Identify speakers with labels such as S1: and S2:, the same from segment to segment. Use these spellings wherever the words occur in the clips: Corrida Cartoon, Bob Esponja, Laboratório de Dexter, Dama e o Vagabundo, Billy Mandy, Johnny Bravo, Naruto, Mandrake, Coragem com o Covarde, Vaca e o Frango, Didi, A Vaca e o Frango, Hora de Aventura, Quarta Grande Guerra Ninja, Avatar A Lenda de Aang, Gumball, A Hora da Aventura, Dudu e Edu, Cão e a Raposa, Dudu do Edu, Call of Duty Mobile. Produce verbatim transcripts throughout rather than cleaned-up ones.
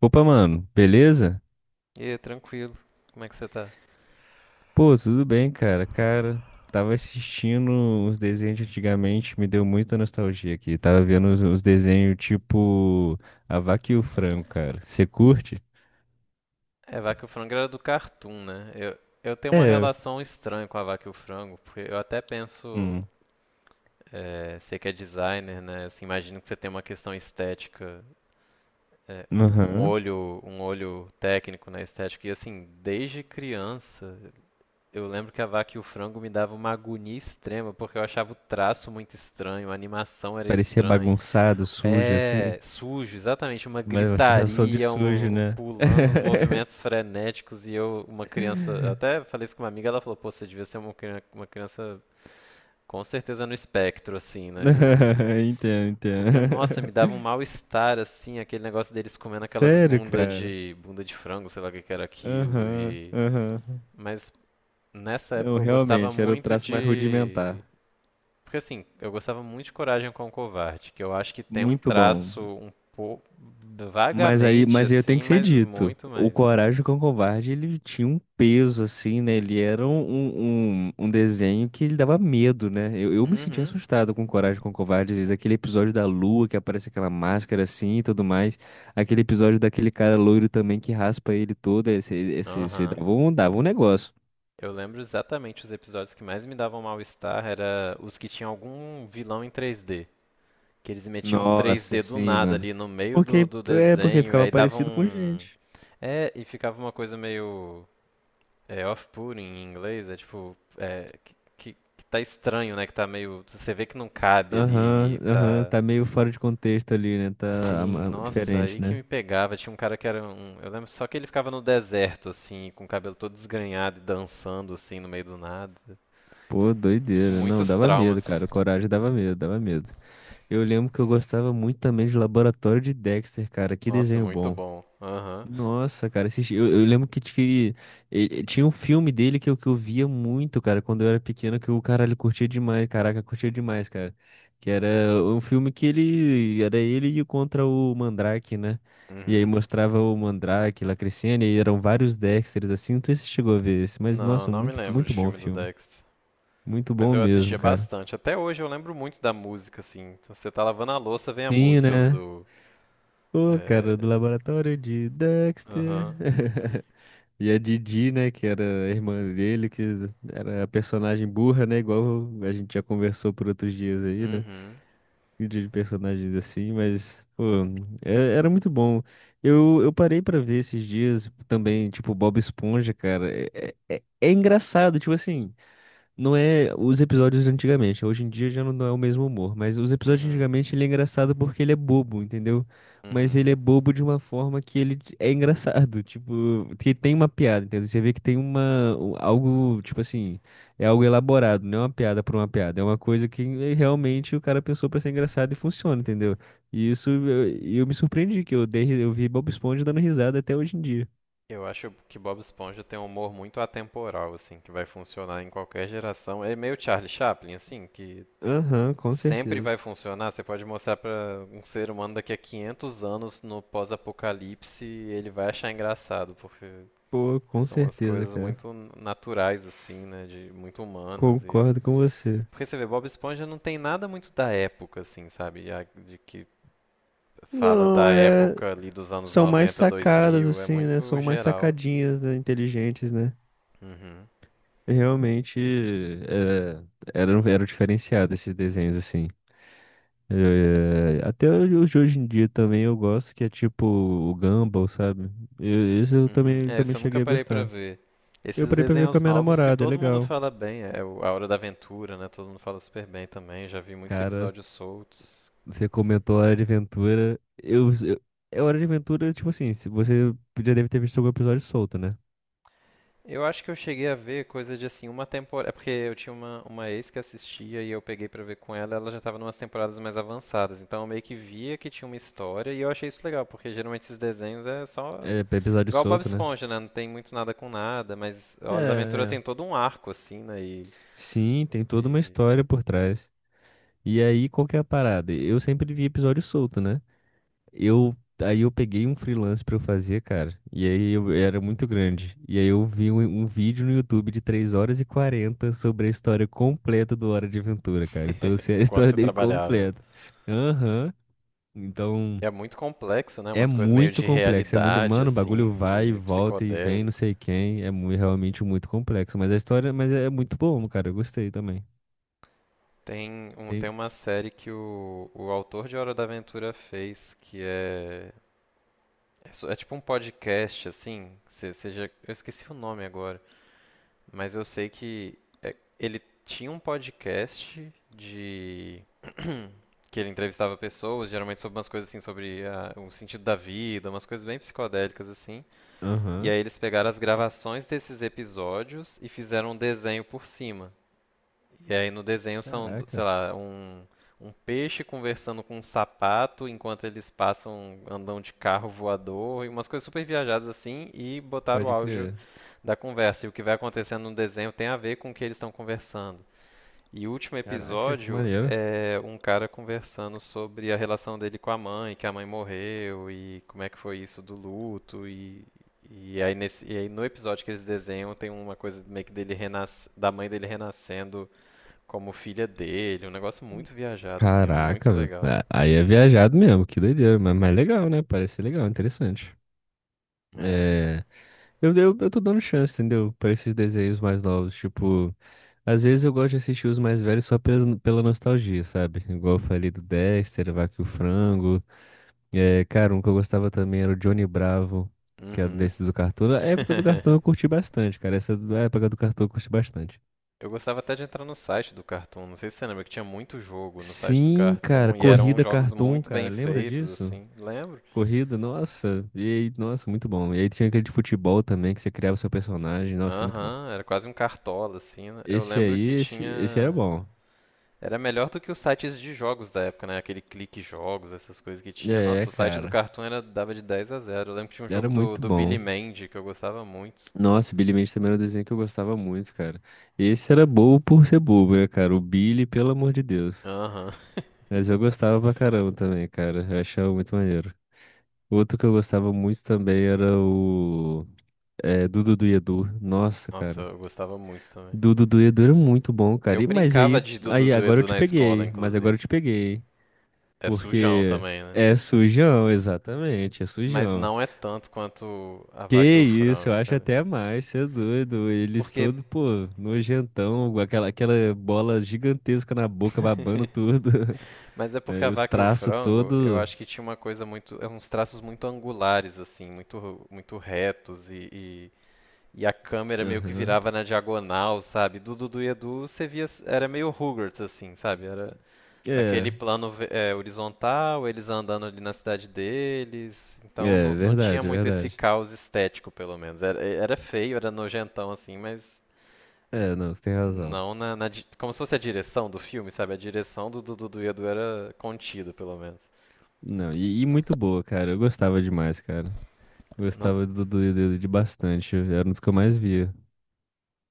S1: Opa, mano, beleza?
S2: E aí, tranquilo. Como é que você tá?
S1: Pô, tudo bem, cara. Cara, tava assistindo uns desenhos de antigamente, me deu muita nostalgia aqui. Tava vendo uns, uns desenhos tipo A Vaca e o Frango, cara. Você curte?
S2: É, Vaca e o Frango era do Cartoon, né? Eu, eu tenho uma
S1: É.
S2: relação estranha com a Vaca e o Frango, porque eu até penso,
S1: Hum.
S2: é, você que é designer, né? Assim, imagino que você tem uma questão estética, é, um
S1: Aham.
S2: olho, um olho técnico na estética. E assim, desde criança, eu lembro que a Vaca e o Frango me dava uma agonia extrema, porque eu achava o traço muito estranho, a animação era
S1: Parecia
S2: estranha.
S1: bagunçado, sujo, assim.
S2: É, sujo, exatamente, uma
S1: Mas uma sensação de
S2: gritaria,
S1: sujo,
S2: um,
S1: né?
S2: pulando uns movimentos frenéticos e eu, uma criança, eu até falei isso com uma amiga, ela falou, pô, você devia ser uma, cri- uma criança com certeza no espectro, assim, né? E
S1: Entendo,
S2: porque, nossa, me
S1: entendo.
S2: dava um mal-estar, assim, aquele negócio deles comendo aquelas
S1: Sério,
S2: bunda
S1: cara?
S2: de, bunda de frango, sei lá o que que era aquilo,
S1: Aham,
S2: e...
S1: aham.
S2: Mas nessa
S1: Não,
S2: época eu gostava
S1: realmente, era o
S2: muito
S1: traço mais
S2: de
S1: rudimentar.
S2: porque assim, eu gostava muito de Coragem com o Covarde, que eu acho que tem um
S1: Muito bom.
S2: traço um pouco
S1: Mas aí,
S2: vagamente
S1: mas aí eu tenho
S2: assim,
S1: que ser
S2: mas
S1: dito.
S2: muito
S1: O
S2: mais.
S1: Coragem com o Covarde, ele tinha um peso, assim, né? Ele era um, um, um desenho que ele dava medo, né? Eu, eu me sentia
S2: Uhum.
S1: assustado com Coragem com o Covarde às vezes. Aquele episódio da lua, que aparece aquela máscara assim e tudo mais. Aquele episódio daquele cara loiro também que raspa ele todo. Esse, esse, esse
S2: Aham.
S1: dava um, dava um negócio.
S2: Eu lembro exatamente os episódios que mais me davam mal-estar era os que tinham algum vilão em três D. Que eles metiam um
S1: Nossa,
S2: três D do
S1: sim,
S2: nada
S1: mano.
S2: ali no meio do,
S1: Porque,
S2: do
S1: é porque
S2: desenho, e
S1: ficava
S2: aí davam
S1: parecido com
S2: um.
S1: gente.
S2: É, e ficava uma coisa meio. É off-putting em inglês, é tipo, é, que, que, que tá estranho, né? Que tá meio, você vê que não cabe ali
S1: Aham,
S2: e
S1: aham,
S2: tá...
S1: tá meio fora de contexto ali, né? Tá
S2: Sim,
S1: ama-
S2: nossa, aí
S1: diferente,
S2: que
S1: né?
S2: me pegava. Tinha um cara que era um. Eu lembro só que ele ficava no deserto, assim, com o cabelo todo desgrenhado e dançando, assim, no meio do nada.
S1: Pô, doideira. Não,
S2: Muitos
S1: dava medo,
S2: traumas.
S1: cara. Coragem dava medo, dava medo. Eu lembro que eu gostava muito também de Laboratório de Dexter, cara. Que
S2: Nossa,
S1: desenho
S2: muito
S1: bom.
S2: bom. Aham.
S1: Nossa, cara, assisti- eu, eu lembro que, t- que eh, tinha um filme dele que eu, que eu via muito, cara, quando eu era pequeno, que o caralho curtia demais, caraca, curtia demais, cara. Que era um filme que ele, era ele e contra o Mandrake, né? E aí
S2: Uhum.
S1: mostrava o Mandrake lá crescendo, e aí eram vários Dexters, assim, não sei se você chegou a ver esse, mas,
S2: Não,
S1: nossa,
S2: não me
S1: muito,
S2: lembro
S1: muito
S2: de
S1: bom o
S2: filme do
S1: filme.
S2: Dex.
S1: Muito
S2: Mas
S1: bom
S2: eu
S1: mesmo,
S2: assistia
S1: cara.
S2: bastante. Até hoje eu lembro muito da música, assim. Então, você tá lavando a louça, vem a
S1: Sim,
S2: música
S1: né?
S2: do.
S1: Pô, cara, do
S2: É...
S1: laboratório de Dexter.
S2: Aham.
S1: E a Didi, né, que era a irmã dele, que era a personagem burra, né, igual a gente já conversou por outros dias aí, né,
S2: Uhum,
S1: de personagens assim, mas, pô, é- era muito bom. Eu, eu parei pra ver esses dias também, tipo, Bob Esponja, cara, é, é, é engraçado, tipo assim, não é os episódios de antigamente. Hoje em dia já não não é o mesmo humor. Mas os episódios de
S2: uhum,
S1: antigamente ele é engraçado porque ele é bobo, entendeu? Mas
S2: uhum.
S1: ele é bobo de uma forma que ele t- é engraçado. Tipo, que tem uma piada, entendeu? Você vê que tem uma. um- Algo, tipo assim. É algo elaborado, não é uma piada por uma piada. É uma coisa que eh, realmente o cara pensou pra ser engraçado e funciona, entendeu? E isso eu, eu me surpreendi, que eu dei, ri- eu vi Bob Esponja dando risada até hoje em dia.
S2: Eu acho que Bob Esponja tem um humor muito atemporal, assim, que vai funcionar em qualquer geração. É meio Charlie Chaplin, assim, que
S1: Aham, com
S2: sempre
S1: certeza.
S2: vai funcionar. Você pode mostrar pra um ser humano daqui a quinhentos anos no pós-apocalipse, ele vai achar engraçado, porque
S1: Pô, com
S2: são umas
S1: certeza,
S2: coisas
S1: cara.
S2: muito naturais, assim, né, de muito humanas e
S1: Concordo com você.
S2: porque você vê, Bob Esponja não tem nada muito da época, assim, sabe? A- De que fala
S1: Não,
S2: da
S1: é.
S2: época ali dos anos
S1: São mais
S2: noventa,
S1: sacadas,
S2: dois mil, é
S1: assim, né?
S2: muito
S1: São mais
S2: geral.
S1: sacadinhas, né? Inteligentes, né?
S2: Uhum.
S1: Realmente é, eram, eram diferenciados esses desenhos, assim. É, até os de hoje em dia também eu gosto, que é tipo o Gumball, sabe? Eu, esse eu
S2: Uhum.
S1: também,
S2: É,
S1: também
S2: isso eu nunca
S1: cheguei a
S2: parei pra
S1: gostar.
S2: ver.
S1: Eu
S2: Esses
S1: parei pra ver com a
S2: desenhos
S1: minha
S2: novos que
S1: namorada, é
S2: todo mundo
S1: legal.
S2: fala bem, é é o A Hora da Aventura, né? Todo mundo fala super bem também, já vi muitos
S1: Cara,
S2: episódios soltos.
S1: você comentou Hora de Aventura. Eu, eu, é Hora de Aventura, tipo assim, se você já deve ter visto algum episódio solto, né?
S2: Eu acho que eu cheguei a ver coisa de assim, uma temporada. É porque eu tinha uma, uma ex que assistia e eu peguei pra ver com ela, ela já tava numas temporadas mais avançadas. Então eu meio que via que tinha uma história e eu achei isso legal, porque geralmente esses desenhos é só
S1: É, episódio
S2: igual o Bob
S1: solto, né?
S2: Esponja, né? Não tem muito nada com nada, mas a
S1: É,
S2: Hora da Aventura tem
S1: é.
S2: todo um arco, assim, né? E,
S1: Sim, tem toda uma
S2: e-
S1: história por trás. E aí, qual que é a parada? Eu sempre vi episódio solto, né? Eu, aí eu peguei um freelance pra eu fazer, cara. E aí eu era muito grande. E aí eu vi um, um vídeo no YouTube de três horas e quarenta sobre a história completa do Hora de Aventura, cara. Então eu sei a
S2: enquanto
S1: história
S2: você
S1: dele
S2: trabalhava.
S1: completa. Aham. Então
S2: E é muito complexo, né?
S1: é
S2: Umas coisas meio
S1: muito
S2: de
S1: complexo. É muito,
S2: realidade,
S1: mano, o bagulho
S2: assim,
S1: vai e
S2: de
S1: volta e vem, não
S2: psicodélico.
S1: sei quem. É mu- realmente muito complexo. Mas a história, mas é muito bom, cara. Eu gostei também.
S2: Tem um,
S1: Tem.
S2: tem uma série que o, o autor de Hora da Aventura fez, que é. É, só- é tipo um podcast, assim. se- já, eu esqueci o nome agora, mas eu sei que é- ele tinha um podcast de que ele entrevistava pessoas, geralmente sobre umas coisas assim, sobre a- o sentido da vida, umas coisas bem psicodélicas assim. E
S1: Aham.
S2: aí eles pegaram as gravações desses episódios e fizeram um desenho por cima. E aí no desenho são, do- sei
S1: Caraca,
S2: lá, um, um peixe conversando com um sapato enquanto eles passam, andam de carro voador, e umas coisas super viajadas assim, e botaram o
S1: pode
S2: áudio
S1: crer.
S2: da conversa. E o que vai acontecendo no desenho tem a ver com o que eles estão conversando. E o último
S1: Caraca, que
S2: episódio
S1: maneiro.
S2: é um cara conversando sobre a relação dele com a mãe, que a mãe morreu e como é que foi isso do luto. E e aí, nesse, e aí no episódio que eles desenham tem uma coisa meio que dele renas, da mãe dele renascendo como filha dele, um negócio muito viajado assim, é muito
S1: Caraca, velho.
S2: legal.
S1: É, aí é viajado mesmo, que doideira, mas, mas legal, né? Parece ser legal, interessante.
S2: É.
S1: É, eu, eu, eu tô dando chance, entendeu? Pra esses desenhos mais novos, tipo, às vezes eu gosto de assistir os mais velhos só pela, pela nostalgia, sabe? Igual eu falei do Dexter, Vaca e o Frango. É, cara, um que eu gostava também era o Johnny Bravo, que é
S2: Uhum.
S1: desses do Cartoon. A época do Cartoon eu curti bastante, cara. Essa do- a época do Cartoon eu curti bastante.
S2: Eu gostava até de entrar no site do Cartoon, não sei se você lembra que tinha muito jogo no site do
S1: Sim, cara,
S2: Cartoon e eram
S1: Corrida
S2: jogos
S1: Cartoon,
S2: muito
S1: cara,
S2: bem
S1: lembra
S2: feitos
S1: disso?
S2: assim. Lembro?
S1: Corrida, nossa, e aí, nossa, muito bom. E aí tinha aquele de futebol também, que você criava o seu personagem, nossa, muito bom.
S2: Aham, era quase um cartola, assim, né? Eu
S1: Esse
S2: lembro
S1: aí,
S2: que
S1: esse, esse era
S2: tinha.
S1: bom.
S2: Era melhor do que os sites de jogos da época, né? Aquele clique jogos, essas coisas que tinha.
S1: É,
S2: Nossa, o site do
S1: cara,
S2: Cartoon era... dava de dez a zero. Eu lembro que tinha um
S1: era
S2: jogo do,
S1: muito
S2: do Billy
S1: bom.
S2: Mandy que eu gostava muito.
S1: Nossa, Billy Mandy também era um desenho que eu gostava muito, cara. Esse era bobo por ser bobo, né, cara? O Billy, pelo amor de Deus.
S2: Aham.
S1: Mas eu gostava pra caramba também, cara, eu achava muito maneiro. Outro que eu gostava muito também era o... É, Dudu do Edu. Nossa,
S2: Nossa,
S1: cara.
S2: eu gostava muito também.
S1: Do Dudu e Edu era muito bom,
S2: Eu
S1: cara. E, mas
S2: brincava
S1: aí,
S2: de Dudu
S1: aí
S2: do
S1: agora eu
S2: Edu
S1: te
S2: na escola,
S1: peguei. Mas agora
S2: inclusive.
S1: eu te peguei.
S2: É sujão
S1: Porque
S2: também, né?
S1: é sujão, exatamente, é
S2: Mas
S1: sujão.
S2: não é tanto quanto a
S1: Que
S2: Vaca e o
S1: isso, eu
S2: Frango,
S1: acho
S2: cara.
S1: até mais, cê é doido. Eles
S2: Porque.
S1: todos, pô, nojentão, com aquela, aquela bola gigantesca na boca, babando tudo.
S2: Mas é porque a
S1: Aí os
S2: Vaca e o
S1: traços
S2: Frango, eu
S1: todo.
S2: acho que tinha uma coisa muito, é uns traços muito angulares assim, muito muito retos e, e, e a câmera meio que
S1: Aham.
S2: virava na diagonal, sabe? Do Dudu e Edu você via, era meio Rugrats assim, sabe? Era
S1: É,
S2: aquele plano ve- é, horizontal, eles andando ali na cidade deles,
S1: é
S2: então
S1: é
S2: não, não tinha
S1: verdade, é
S2: muito esse
S1: verdade.
S2: caos estético pelo menos. Era, era feio, era nojentão assim, mas
S1: É, não, você tem razão.
S2: não na, na di- como se fosse a direção do filme, sabe? A direção do Dudu e Edu era contida pelo menos.
S1: Não, e, e muito boa, cara. Eu gostava demais, cara.
S2: Nossa,
S1: Gostava do Dudu e do Edu bastante. Era um dos que eu mais via.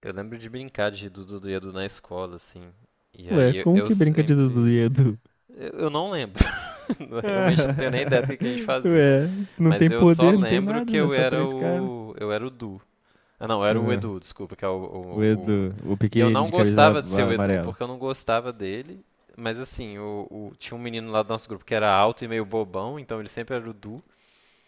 S2: eu lembro de brincar de Dudu do Edu na escola, assim. E
S1: Ué,
S2: aí eu,
S1: como
S2: eu
S1: que brinca de Dudu
S2: sempre.
S1: e Edu?
S2: Eu, eu não lembro. Realmente não tenho nem ideia do que, que a gente fazia.
S1: Ué, se não
S2: Mas
S1: tem
S2: eu só
S1: poder, não tem
S2: lembro
S1: nada,
S2: que
S1: Zé,
S2: eu
S1: só
S2: era
S1: três caras.
S2: o. Eu era o Du. Ah, não, eu era o
S1: Ah,
S2: Edu, desculpa, que é o,
S1: o
S2: o- o-
S1: Edu, o
S2: e eu
S1: pequenino
S2: não
S1: de camisa
S2: gostava de ser
S1: a-
S2: o Edu,
S1: amarela.
S2: porque eu não gostava dele. Mas assim, o, o- tinha um menino lá do nosso grupo que era alto e meio bobão, então ele sempre era o Du.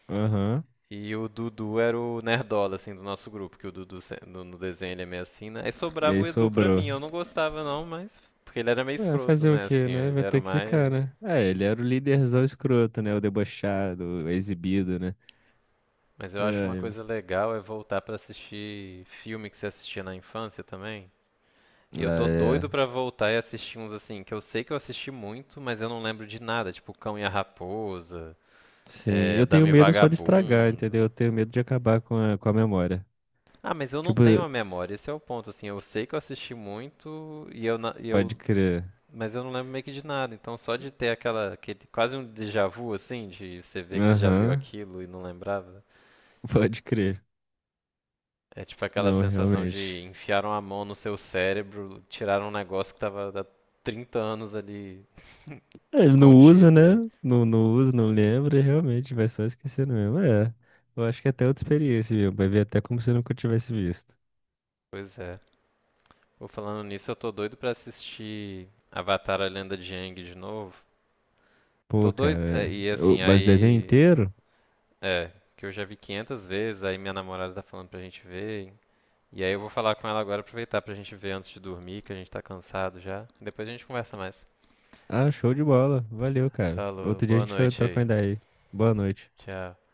S1: Aham.
S2: E o Dudu era o nerdola, assim, do nosso grupo, que o Dudu se- no, no desenho ele é meio assim, né? Aí
S1: E
S2: sobrava
S1: aí
S2: o Edu pra
S1: sobrou.
S2: mim, eu não gostava não, mas... Porque ele era meio
S1: Ué,
S2: escroto,
S1: fazer o
S2: né?
S1: quê,
S2: Assim,
S1: né?
S2: ele
S1: Vai
S2: era
S1: ter
S2: o
S1: que ficar,
S2: mais...
S1: né? É, ele era o líderzão escroto, né? O debochado, o exibido, né?
S2: Mas eu acho uma
S1: Ai,
S2: coisa legal é voltar pra assistir filme que você assistia na infância também. E eu
S1: ah,
S2: tô
S1: é.
S2: doido pra voltar e assistir uns assim, que eu sei que eu assisti muito, mas eu não lembro de nada, tipo Cão e a Raposa,
S1: Sim,
S2: é,
S1: eu
S2: Dama
S1: tenho
S2: e o
S1: medo só de estragar, entendeu?
S2: Vagabundo.
S1: Eu tenho medo de acabar com a, com a memória.
S2: Ah, mas eu não
S1: Tipo,
S2: tenho a memória, esse é o ponto, assim, eu sei que eu assisti muito e eu, na- e eu
S1: pode crer.
S2: mas eu não lembro meio que de nada, então só de ter aquela, aquele, quase um déjà vu, assim, de você ver que você já viu
S1: Aham,
S2: aquilo e não lembrava.
S1: pode crer.
S2: É tipo aquela
S1: Não,
S2: sensação
S1: realmente.
S2: de enfiaram a mão no seu cérebro, tiraram um negócio que tava há trinta anos ali
S1: É, ele não usa, né?
S2: escondido. E...
S1: Não, não usa, não lembra, realmente, vai só esquecendo mesmo. É, eu acho que é até outra experiência, viu? Vai ver até como se eu nunca tivesse visto.
S2: Pois é. Vou falando nisso, eu tô doido pra assistir Avatar A Lenda de Aang de novo. Tô
S1: Pô,
S2: doido,
S1: cara,
S2: é, e
S1: é. Eu-
S2: assim,
S1: mas desenho
S2: aí,
S1: inteiro?
S2: é, que eu já vi quinhentas vezes, aí minha namorada tá falando pra gente ver. E aí eu vou falar com ela agora, aproveitar pra gente ver antes de dormir, que a gente tá cansado já. Depois a gente conversa mais.
S1: Ah, show de bola. Valeu, cara.
S2: Falou,
S1: Outro dia a
S2: boa
S1: gente tro-
S2: noite
S1: troca uma
S2: aí.
S1: ideia aí. Boa noite.
S2: Tchau.